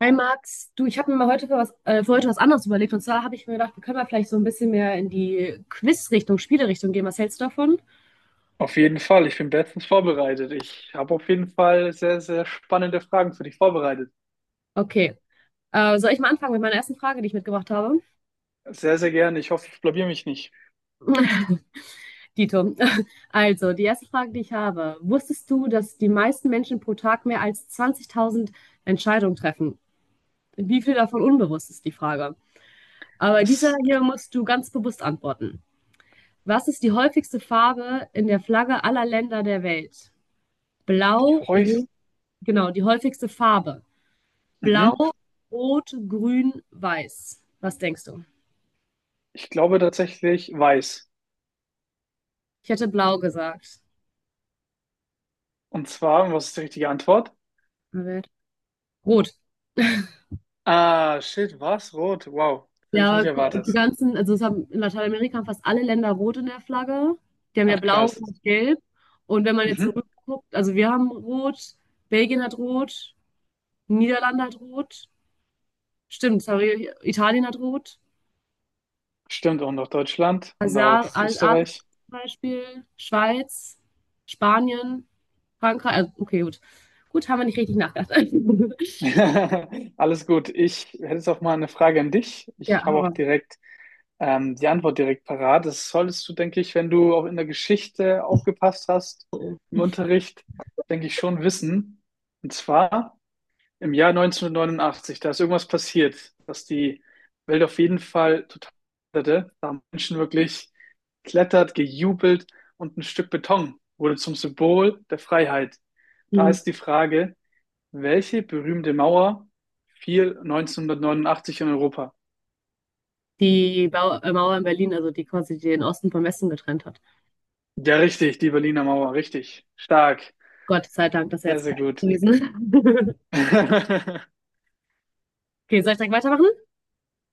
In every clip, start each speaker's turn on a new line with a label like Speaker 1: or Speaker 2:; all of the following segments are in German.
Speaker 1: Hi Max, du, ich habe mir mal heute für was, für heute was anderes überlegt. Und zwar habe ich mir gedacht, wir können mal vielleicht so ein bisschen mehr in die Quiz-Richtung, Spiele-Richtung gehen. Was hältst du davon?
Speaker 2: Auf jeden Fall, ich bin bestens vorbereitet. Ich habe auf jeden Fall sehr, sehr spannende Fragen für dich vorbereitet.
Speaker 1: Okay. Soll ich mal anfangen mit meiner ersten Frage, die ich mitgebracht habe?
Speaker 2: Sehr, sehr gerne. Ich hoffe, ich blamier mich nicht.
Speaker 1: Dito. Also, die erste Frage, die ich habe. Wusstest du, dass die meisten Menschen pro Tag mehr als 20.000 Entscheidungen treffen? Wie viel davon unbewusst ist die Frage? Aber dieser
Speaker 2: Das
Speaker 1: hier musst du ganz bewusst antworten. Was ist die häufigste Farbe in der Flagge aller Länder der Welt? Blau.
Speaker 2: häufig,
Speaker 1: Genau, die häufigste Farbe. Blau,
Speaker 2: mhm.
Speaker 1: Rot, Grün, Weiß. Was denkst du?
Speaker 2: Ich glaube tatsächlich weiß.
Speaker 1: Ich hätte blau gesagt.
Speaker 2: Und zwar, was ist die richtige Antwort?
Speaker 1: Rot.
Speaker 2: Ah, shit, was? Rot. Wow, hätte ich
Speaker 1: Ja,
Speaker 2: nicht
Speaker 1: aber die
Speaker 2: erwartet.
Speaker 1: ganzen, also es haben, in Lateinamerika haben fast alle Länder rot in der Flagge. Die haben ja
Speaker 2: Ach,
Speaker 1: blau
Speaker 2: krass.
Speaker 1: und gelb. Und wenn man jetzt
Speaker 2: Mhm.
Speaker 1: zurückguckt, also wir haben rot, Belgien hat rot, Niederlande hat rot. Stimmt, sorry, Italien hat rot.
Speaker 2: Stimmt, und auch Deutschland und auch
Speaker 1: Asien
Speaker 2: Österreich.
Speaker 1: zum Beispiel, Schweiz, Spanien, Frankreich. Also, okay, gut. Gut, haben wir nicht richtig nachgedacht.
Speaker 2: Alles gut. Ich hätte jetzt auch mal eine Frage an dich.
Speaker 1: Ja,
Speaker 2: Ich habe auch
Speaker 1: Harvard.
Speaker 2: direkt die Antwort direkt parat. Das solltest du, denke ich, wenn du auch in der Geschichte aufgepasst hast, im Unterricht, denke ich schon wissen. Und zwar im Jahr 1989, da ist irgendwas passiert, dass die Welt auf jeden Fall total hatte. Da haben Menschen wirklich klettert, gejubelt und ein Stück Beton wurde zum Symbol der Freiheit. Da
Speaker 1: Mhm.
Speaker 2: ist die Frage, welche berühmte Mauer fiel 1989 in Europa?
Speaker 1: Die Bau Mauer in Berlin, also die quasi den Osten vom Westen getrennt hat.
Speaker 2: Ja, richtig, die Berliner Mauer, richtig. Stark.
Speaker 1: Gott sei Dank, das ist ja
Speaker 2: Sehr,
Speaker 1: jetzt
Speaker 2: sehr
Speaker 1: perfekt
Speaker 2: gut.
Speaker 1: gewesen. Okay, soll ich direkt weitermachen?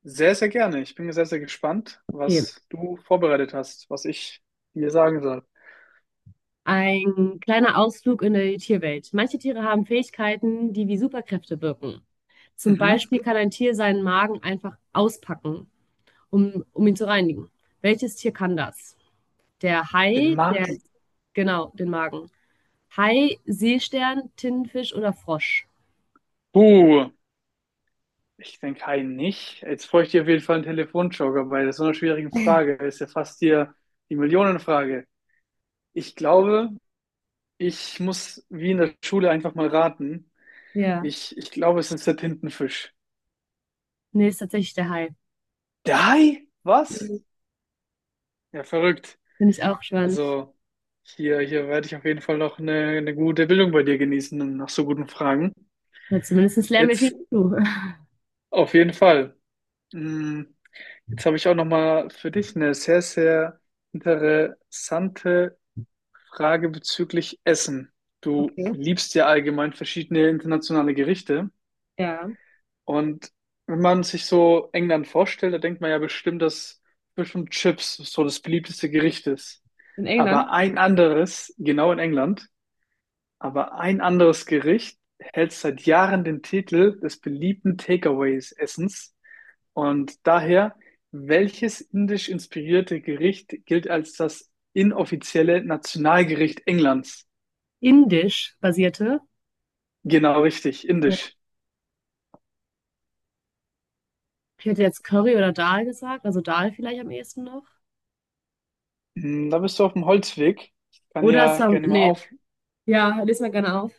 Speaker 2: Sehr, sehr gerne. Ich bin sehr, sehr gespannt,
Speaker 1: Okay.
Speaker 2: was du vorbereitet hast, was ich dir sagen soll.
Speaker 1: Ein kleiner Ausflug in die Tierwelt. Manche Tiere haben Fähigkeiten, die wie Superkräfte wirken. Zum
Speaker 2: Mhm.
Speaker 1: Beispiel kann ein Tier seinen Magen einfach auspacken, um ihn zu reinigen. Welches Tier kann das? Der
Speaker 2: Den Magen.
Speaker 1: Genau, den Magen. Hai, Seestern, Tintenfisch oder Frosch?
Speaker 2: Uh, ich denke einen nicht. Jetzt bräuchte ich dir auf jeden Fall einen Telefonjoker bei so einer schwierigen Frage. Ist ja fast hier die Millionenfrage. Ich glaube, ich muss wie in der Schule einfach mal raten.
Speaker 1: Ja.
Speaker 2: Ich glaube, es ist der Tintenfisch.
Speaker 1: Nee, ist tatsächlich der Hai.
Speaker 2: Der Hai? Was? Ja, verrückt.
Speaker 1: Finde ich auch spannend.
Speaker 2: Also hier, hier werde ich auf jeden Fall noch eine gute Bildung bei dir genießen und nach so guten Fragen.
Speaker 1: Na, zumindest lernen wir viel
Speaker 2: Jetzt
Speaker 1: dazu.
Speaker 2: auf jeden Fall. Mm, Jetzt habe ich auch noch mal für dich eine sehr, sehr interessante Frage bezüglich Essen. Du
Speaker 1: Okay.
Speaker 2: liebst ja allgemein verschiedene internationale Gerichte
Speaker 1: Ja.
Speaker 2: und wenn man sich so England vorstellt, da denkt man ja bestimmt, dass bestimmt Chips so das beliebteste Gericht ist.
Speaker 1: In
Speaker 2: Aber
Speaker 1: England?
Speaker 2: ein anderes, genau in England. Aber ein anderes Gericht hält seit Jahren den Titel des beliebten Takeaways-Essens. Und daher, welches indisch inspirierte Gericht gilt als das inoffizielle Nationalgericht Englands?
Speaker 1: Indisch basierte.
Speaker 2: Genau, richtig, indisch.
Speaker 1: Ich hätte jetzt Curry oder Dal gesagt, also Dal vielleicht am ehesten noch.
Speaker 2: Hm, da bist du auf dem Holzweg. Ich kann
Speaker 1: Oder
Speaker 2: ja
Speaker 1: Sam,
Speaker 2: gerne mal
Speaker 1: nee,
Speaker 2: auf.
Speaker 1: ja, lese mal gerne auf.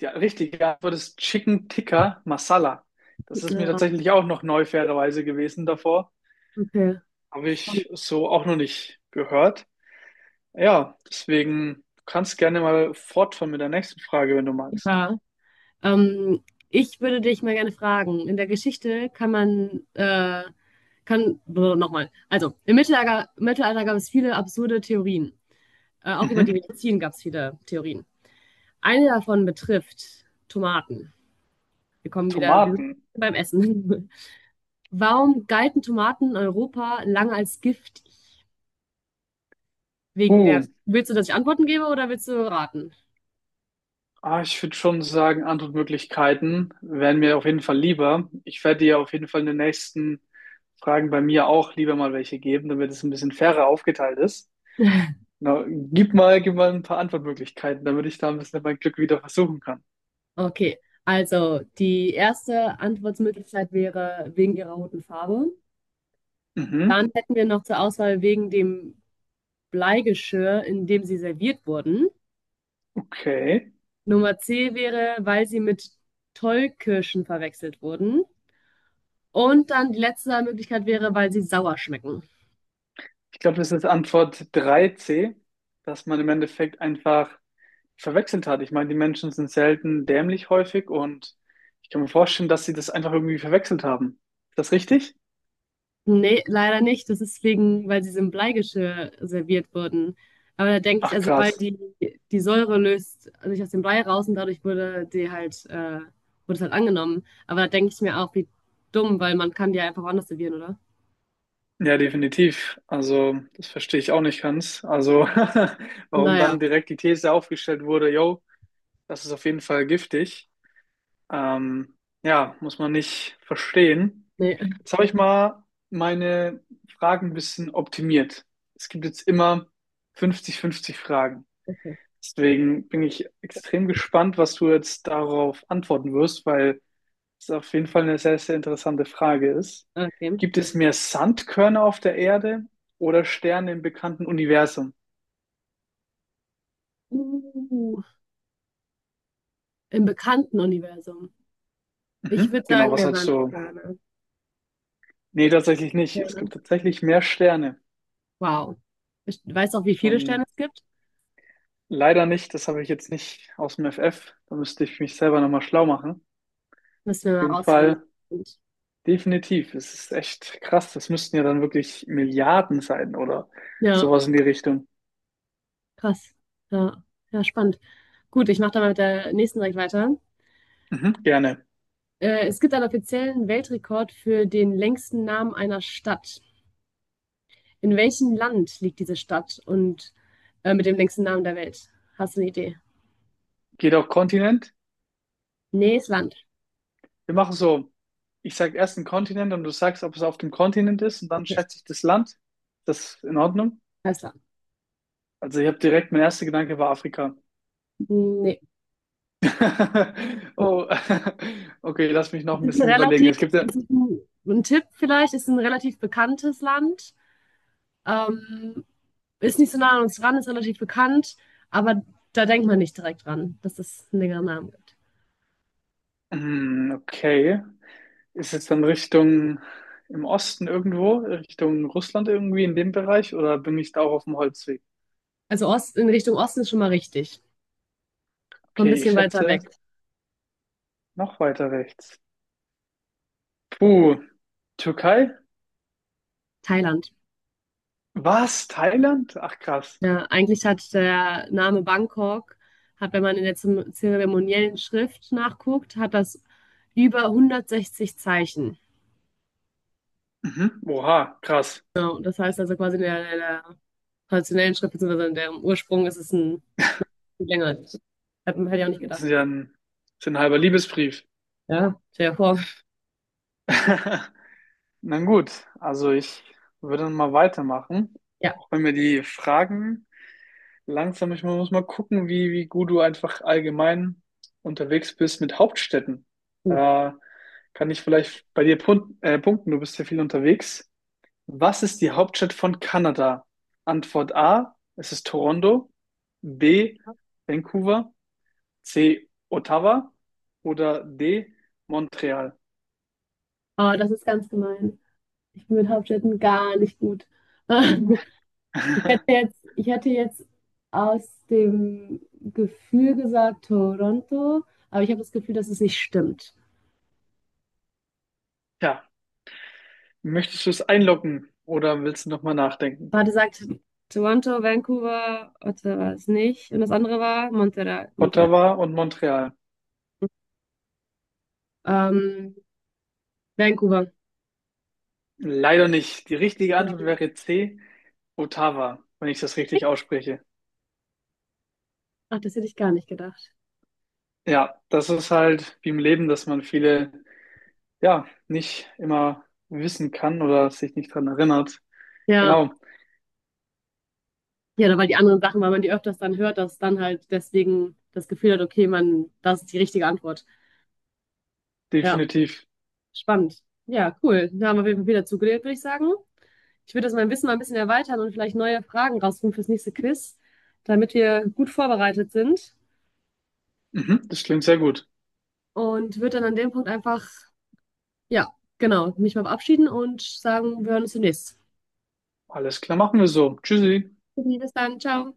Speaker 2: Ja, richtig, die Antwort ist Chicken Tikka Masala. Das ist mir
Speaker 1: Ja,
Speaker 2: tatsächlich auch noch neu, fairerweise gewesen davor.
Speaker 1: okay.
Speaker 2: Habe
Speaker 1: Spannend.
Speaker 2: ich so auch noch nicht gehört. Ja, deswegen, du kannst gerne mal fortfahren mit der nächsten Frage, wenn du magst.
Speaker 1: Ja. Ähm, ich würde dich mal gerne fragen, in der Geschichte kann man, also im Mittelalter gab es viele absurde Theorien. Auch über die
Speaker 2: Mhm.
Speaker 1: Medizin gab es viele Theorien. Eine davon betrifft Tomaten. Wir kommen wieder
Speaker 2: Tomaten.
Speaker 1: beim Essen. Warum galten Tomaten in Europa lange als giftig? Wegen
Speaker 2: Uh,
Speaker 1: der. Willst du, dass ich Antworten gebe oder willst du raten?
Speaker 2: ich würde schon sagen, Antwortmöglichkeiten wären mir auf jeden Fall lieber. Ich werde dir auf jeden Fall in den nächsten Fragen bei mir auch lieber mal welche geben, damit es ein bisschen fairer aufgeteilt ist. Na, gib mal ein paar Antwortmöglichkeiten, damit ich da ein bisschen mein Glück wieder versuchen kann.
Speaker 1: Okay, also die erste Antwortmöglichkeit wäre wegen ihrer roten Farbe. Dann
Speaker 2: Mhm.
Speaker 1: hätten wir noch zur Auswahl wegen dem Bleigeschirr, in dem sie serviert wurden.
Speaker 2: Okay.
Speaker 1: Nummer C wäre, weil sie mit Tollkirschen verwechselt wurden. Und dann die letzte Möglichkeit wäre, weil sie sauer schmecken.
Speaker 2: Ich glaube, das ist Antwort 3c, dass man im Endeffekt einfach verwechselt hat. Ich meine, die Menschen sind selten dämlich häufig und ich kann mir vorstellen, dass sie das einfach irgendwie verwechselt haben. Ist das richtig?
Speaker 1: Nee, leider nicht. Das ist wegen, weil sie so im Bleigeschirr serviert wurden. Aber da denke ich,
Speaker 2: Ach,
Speaker 1: also weil
Speaker 2: krass.
Speaker 1: die, die Säure löst sich aus dem Blei raus und dadurch wurde die wurde es halt angenommen. Aber da denke ich mir auch, wie dumm, weil man kann die ja einfach woanders servieren, oder?
Speaker 2: Ja, definitiv. Also, das verstehe ich auch nicht ganz. Also, warum
Speaker 1: Naja,
Speaker 2: dann direkt die These aufgestellt wurde, yo, das ist auf jeden Fall giftig. Ähm, ja, muss man nicht verstehen.
Speaker 1: nee,
Speaker 2: Jetzt habe ich mal meine Fragen ein bisschen optimiert. Es gibt jetzt immer 50-50 Fragen.
Speaker 1: okay.
Speaker 2: Deswegen bin ich extrem gespannt, was du jetzt darauf antworten wirst, weil es auf jeden Fall eine sehr, sehr interessante Frage ist.
Speaker 1: Okay.
Speaker 2: Gibt es mehr Sandkörner auf der Erde oder Sterne im bekannten Universum?
Speaker 1: Uh, im bekannten Universum. Ich
Speaker 2: Mhm.
Speaker 1: würde
Speaker 2: Genau,
Speaker 1: sagen,
Speaker 2: was
Speaker 1: der
Speaker 2: halt so.
Speaker 1: Sandsterne.
Speaker 2: Nee, tatsächlich nicht. Es
Speaker 1: Sterne.
Speaker 2: gibt tatsächlich mehr Sterne.
Speaker 1: Wow. Ich weiß auch, wie viele
Speaker 2: Schon
Speaker 1: Sterne es gibt.
Speaker 2: leider nicht. Das habe ich jetzt nicht aus dem FF. Da müsste ich mich selber nochmal schlau machen. Auf
Speaker 1: Müssen wir mal
Speaker 2: jeden
Speaker 1: rausfinden.
Speaker 2: Fall definitiv. Es ist echt krass. Das müssten ja dann wirklich Milliarden sein oder
Speaker 1: Ja,
Speaker 2: sowas in die Richtung.
Speaker 1: krass. Ja, ja, spannend. Gut, ich mache dann mal mit der nächsten direkt weiter.
Speaker 2: Mhm, gerne.
Speaker 1: Es gibt einen offiziellen Weltrekord für den längsten Namen einer Stadt. In welchem Land liegt diese Stadt und mit dem längsten Namen der Welt? Hast du eine Idee?
Speaker 2: Geht auch Kontinent.
Speaker 1: Nee, ist Land.
Speaker 2: Wir machen so, ich sage erst einen Kontinent und du sagst, ob es auf dem Kontinent ist und dann
Speaker 1: Okay,
Speaker 2: schätze ich das Land. Das ist in Ordnung.
Speaker 1: alles klar.
Speaker 2: Also ich habe direkt, mein erster Gedanke war Afrika.
Speaker 1: Nee.
Speaker 2: Oh, okay, lass mich noch
Speaker 1: Es
Speaker 2: ein
Speaker 1: ist ein
Speaker 2: bisschen überlegen.
Speaker 1: relativ,
Speaker 2: Es gibt ja,
Speaker 1: es ist ein Tipp vielleicht, es ist ein relativ bekanntes Land. Ähm, ist nicht so nah an uns dran, ist relativ bekannt, aber da denkt man nicht direkt dran, dass es einen längeren Namen gibt.
Speaker 2: hm, okay, ist jetzt dann Richtung im Osten irgendwo, Richtung Russland irgendwie in dem Bereich oder bin ich da auch auf dem Holzweg?
Speaker 1: Also Ost, in Richtung Osten ist schon mal richtig. So ein
Speaker 2: Okay, ich
Speaker 1: bisschen weiter weg.
Speaker 2: schätze noch weiter rechts. Puh, Türkei?
Speaker 1: Thailand.
Speaker 2: Was? Thailand? Ach krass.
Speaker 1: Ja, eigentlich hat der Name Bangkok, hat, wenn man in der zeremoniellen Schrift nachguckt, hat das über 160 Zeichen.
Speaker 2: Mhm. Oha, krass.
Speaker 1: Genau, das heißt also quasi in der traditionellen Schrift, beziehungsweise in deren Ursprung ist es ein viel länger. Hätte ich auch nicht
Speaker 2: Das ist
Speaker 1: gedacht.
Speaker 2: ja ein, das ist ein halber Liebesbrief.
Speaker 1: Ja, stell dir vor.
Speaker 2: Na gut, also ich würde dann mal weitermachen.
Speaker 1: Ja,
Speaker 2: Auch wenn mir die Fragen langsam, ich muss mal gucken, wie gut du einfach allgemein unterwegs bist mit Hauptstädten.
Speaker 1: puh.
Speaker 2: Da kann ich vielleicht bei dir punkten, du bist ja viel unterwegs. Was ist die Hauptstadt von Kanada? Antwort A, es ist Toronto. B, Vancouver. C. Ottawa oder D. Montreal?
Speaker 1: Aber das ist ganz gemein. Ich bin mit Hauptstädten gar nicht gut. Ich hätte jetzt aus dem Gefühl gesagt Toronto, aber ich habe das Gefühl, dass es nicht stimmt.
Speaker 2: Ja, möchtest du es einloggen oder willst du nochmal nachdenken?
Speaker 1: Warte, sagt Toronto, Vancouver, Ottawa ist nicht. Und das andere war Montreal.
Speaker 2: Ottawa und Montreal.
Speaker 1: Ähm, Vancouver.
Speaker 2: Leider nicht. Die richtige Antwort wäre C. Ottawa, wenn ich das richtig ausspreche.
Speaker 1: Ach, das hätte ich gar nicht gedacht.
Speaker 2: Ja, das ist halt wie im Leben, dass man viele, ja, nicht immer wissen kann oder sich nicht daran erinnert.
Speaker 1: Ja,
Speaker 2: Genau,
Speaker 1: ja, da- weil die anderen Sachen, weil man die öfters dann hört, dass dann halt deswegen das Gefühl hat, okay, man, das ist die richtige Antwort. Ja,
Speaker 2: definitiv.
Speaker 1: spannend. Ja, cool. Da haben wir auf jeden Fall viel dazugelernt, würde ich sagen. Ich würde das mein Wissen mal ein bisschen erweitern und vielleicht neue Fragen rausfinden fürs nächste Quiz, damit wir gut vorbereitet sind.
Speaker 2: Mhm, das klingt sehr gut.
Speaker 1: Und würde dann an dem Punkt einfach, ja, genau, mich mal verabschieden und sagen, wir hören uns demnächst.
Speaker 2: Alles klar, machen wir so. Tschüssi.
Speaker 1: Bis dann, ciao.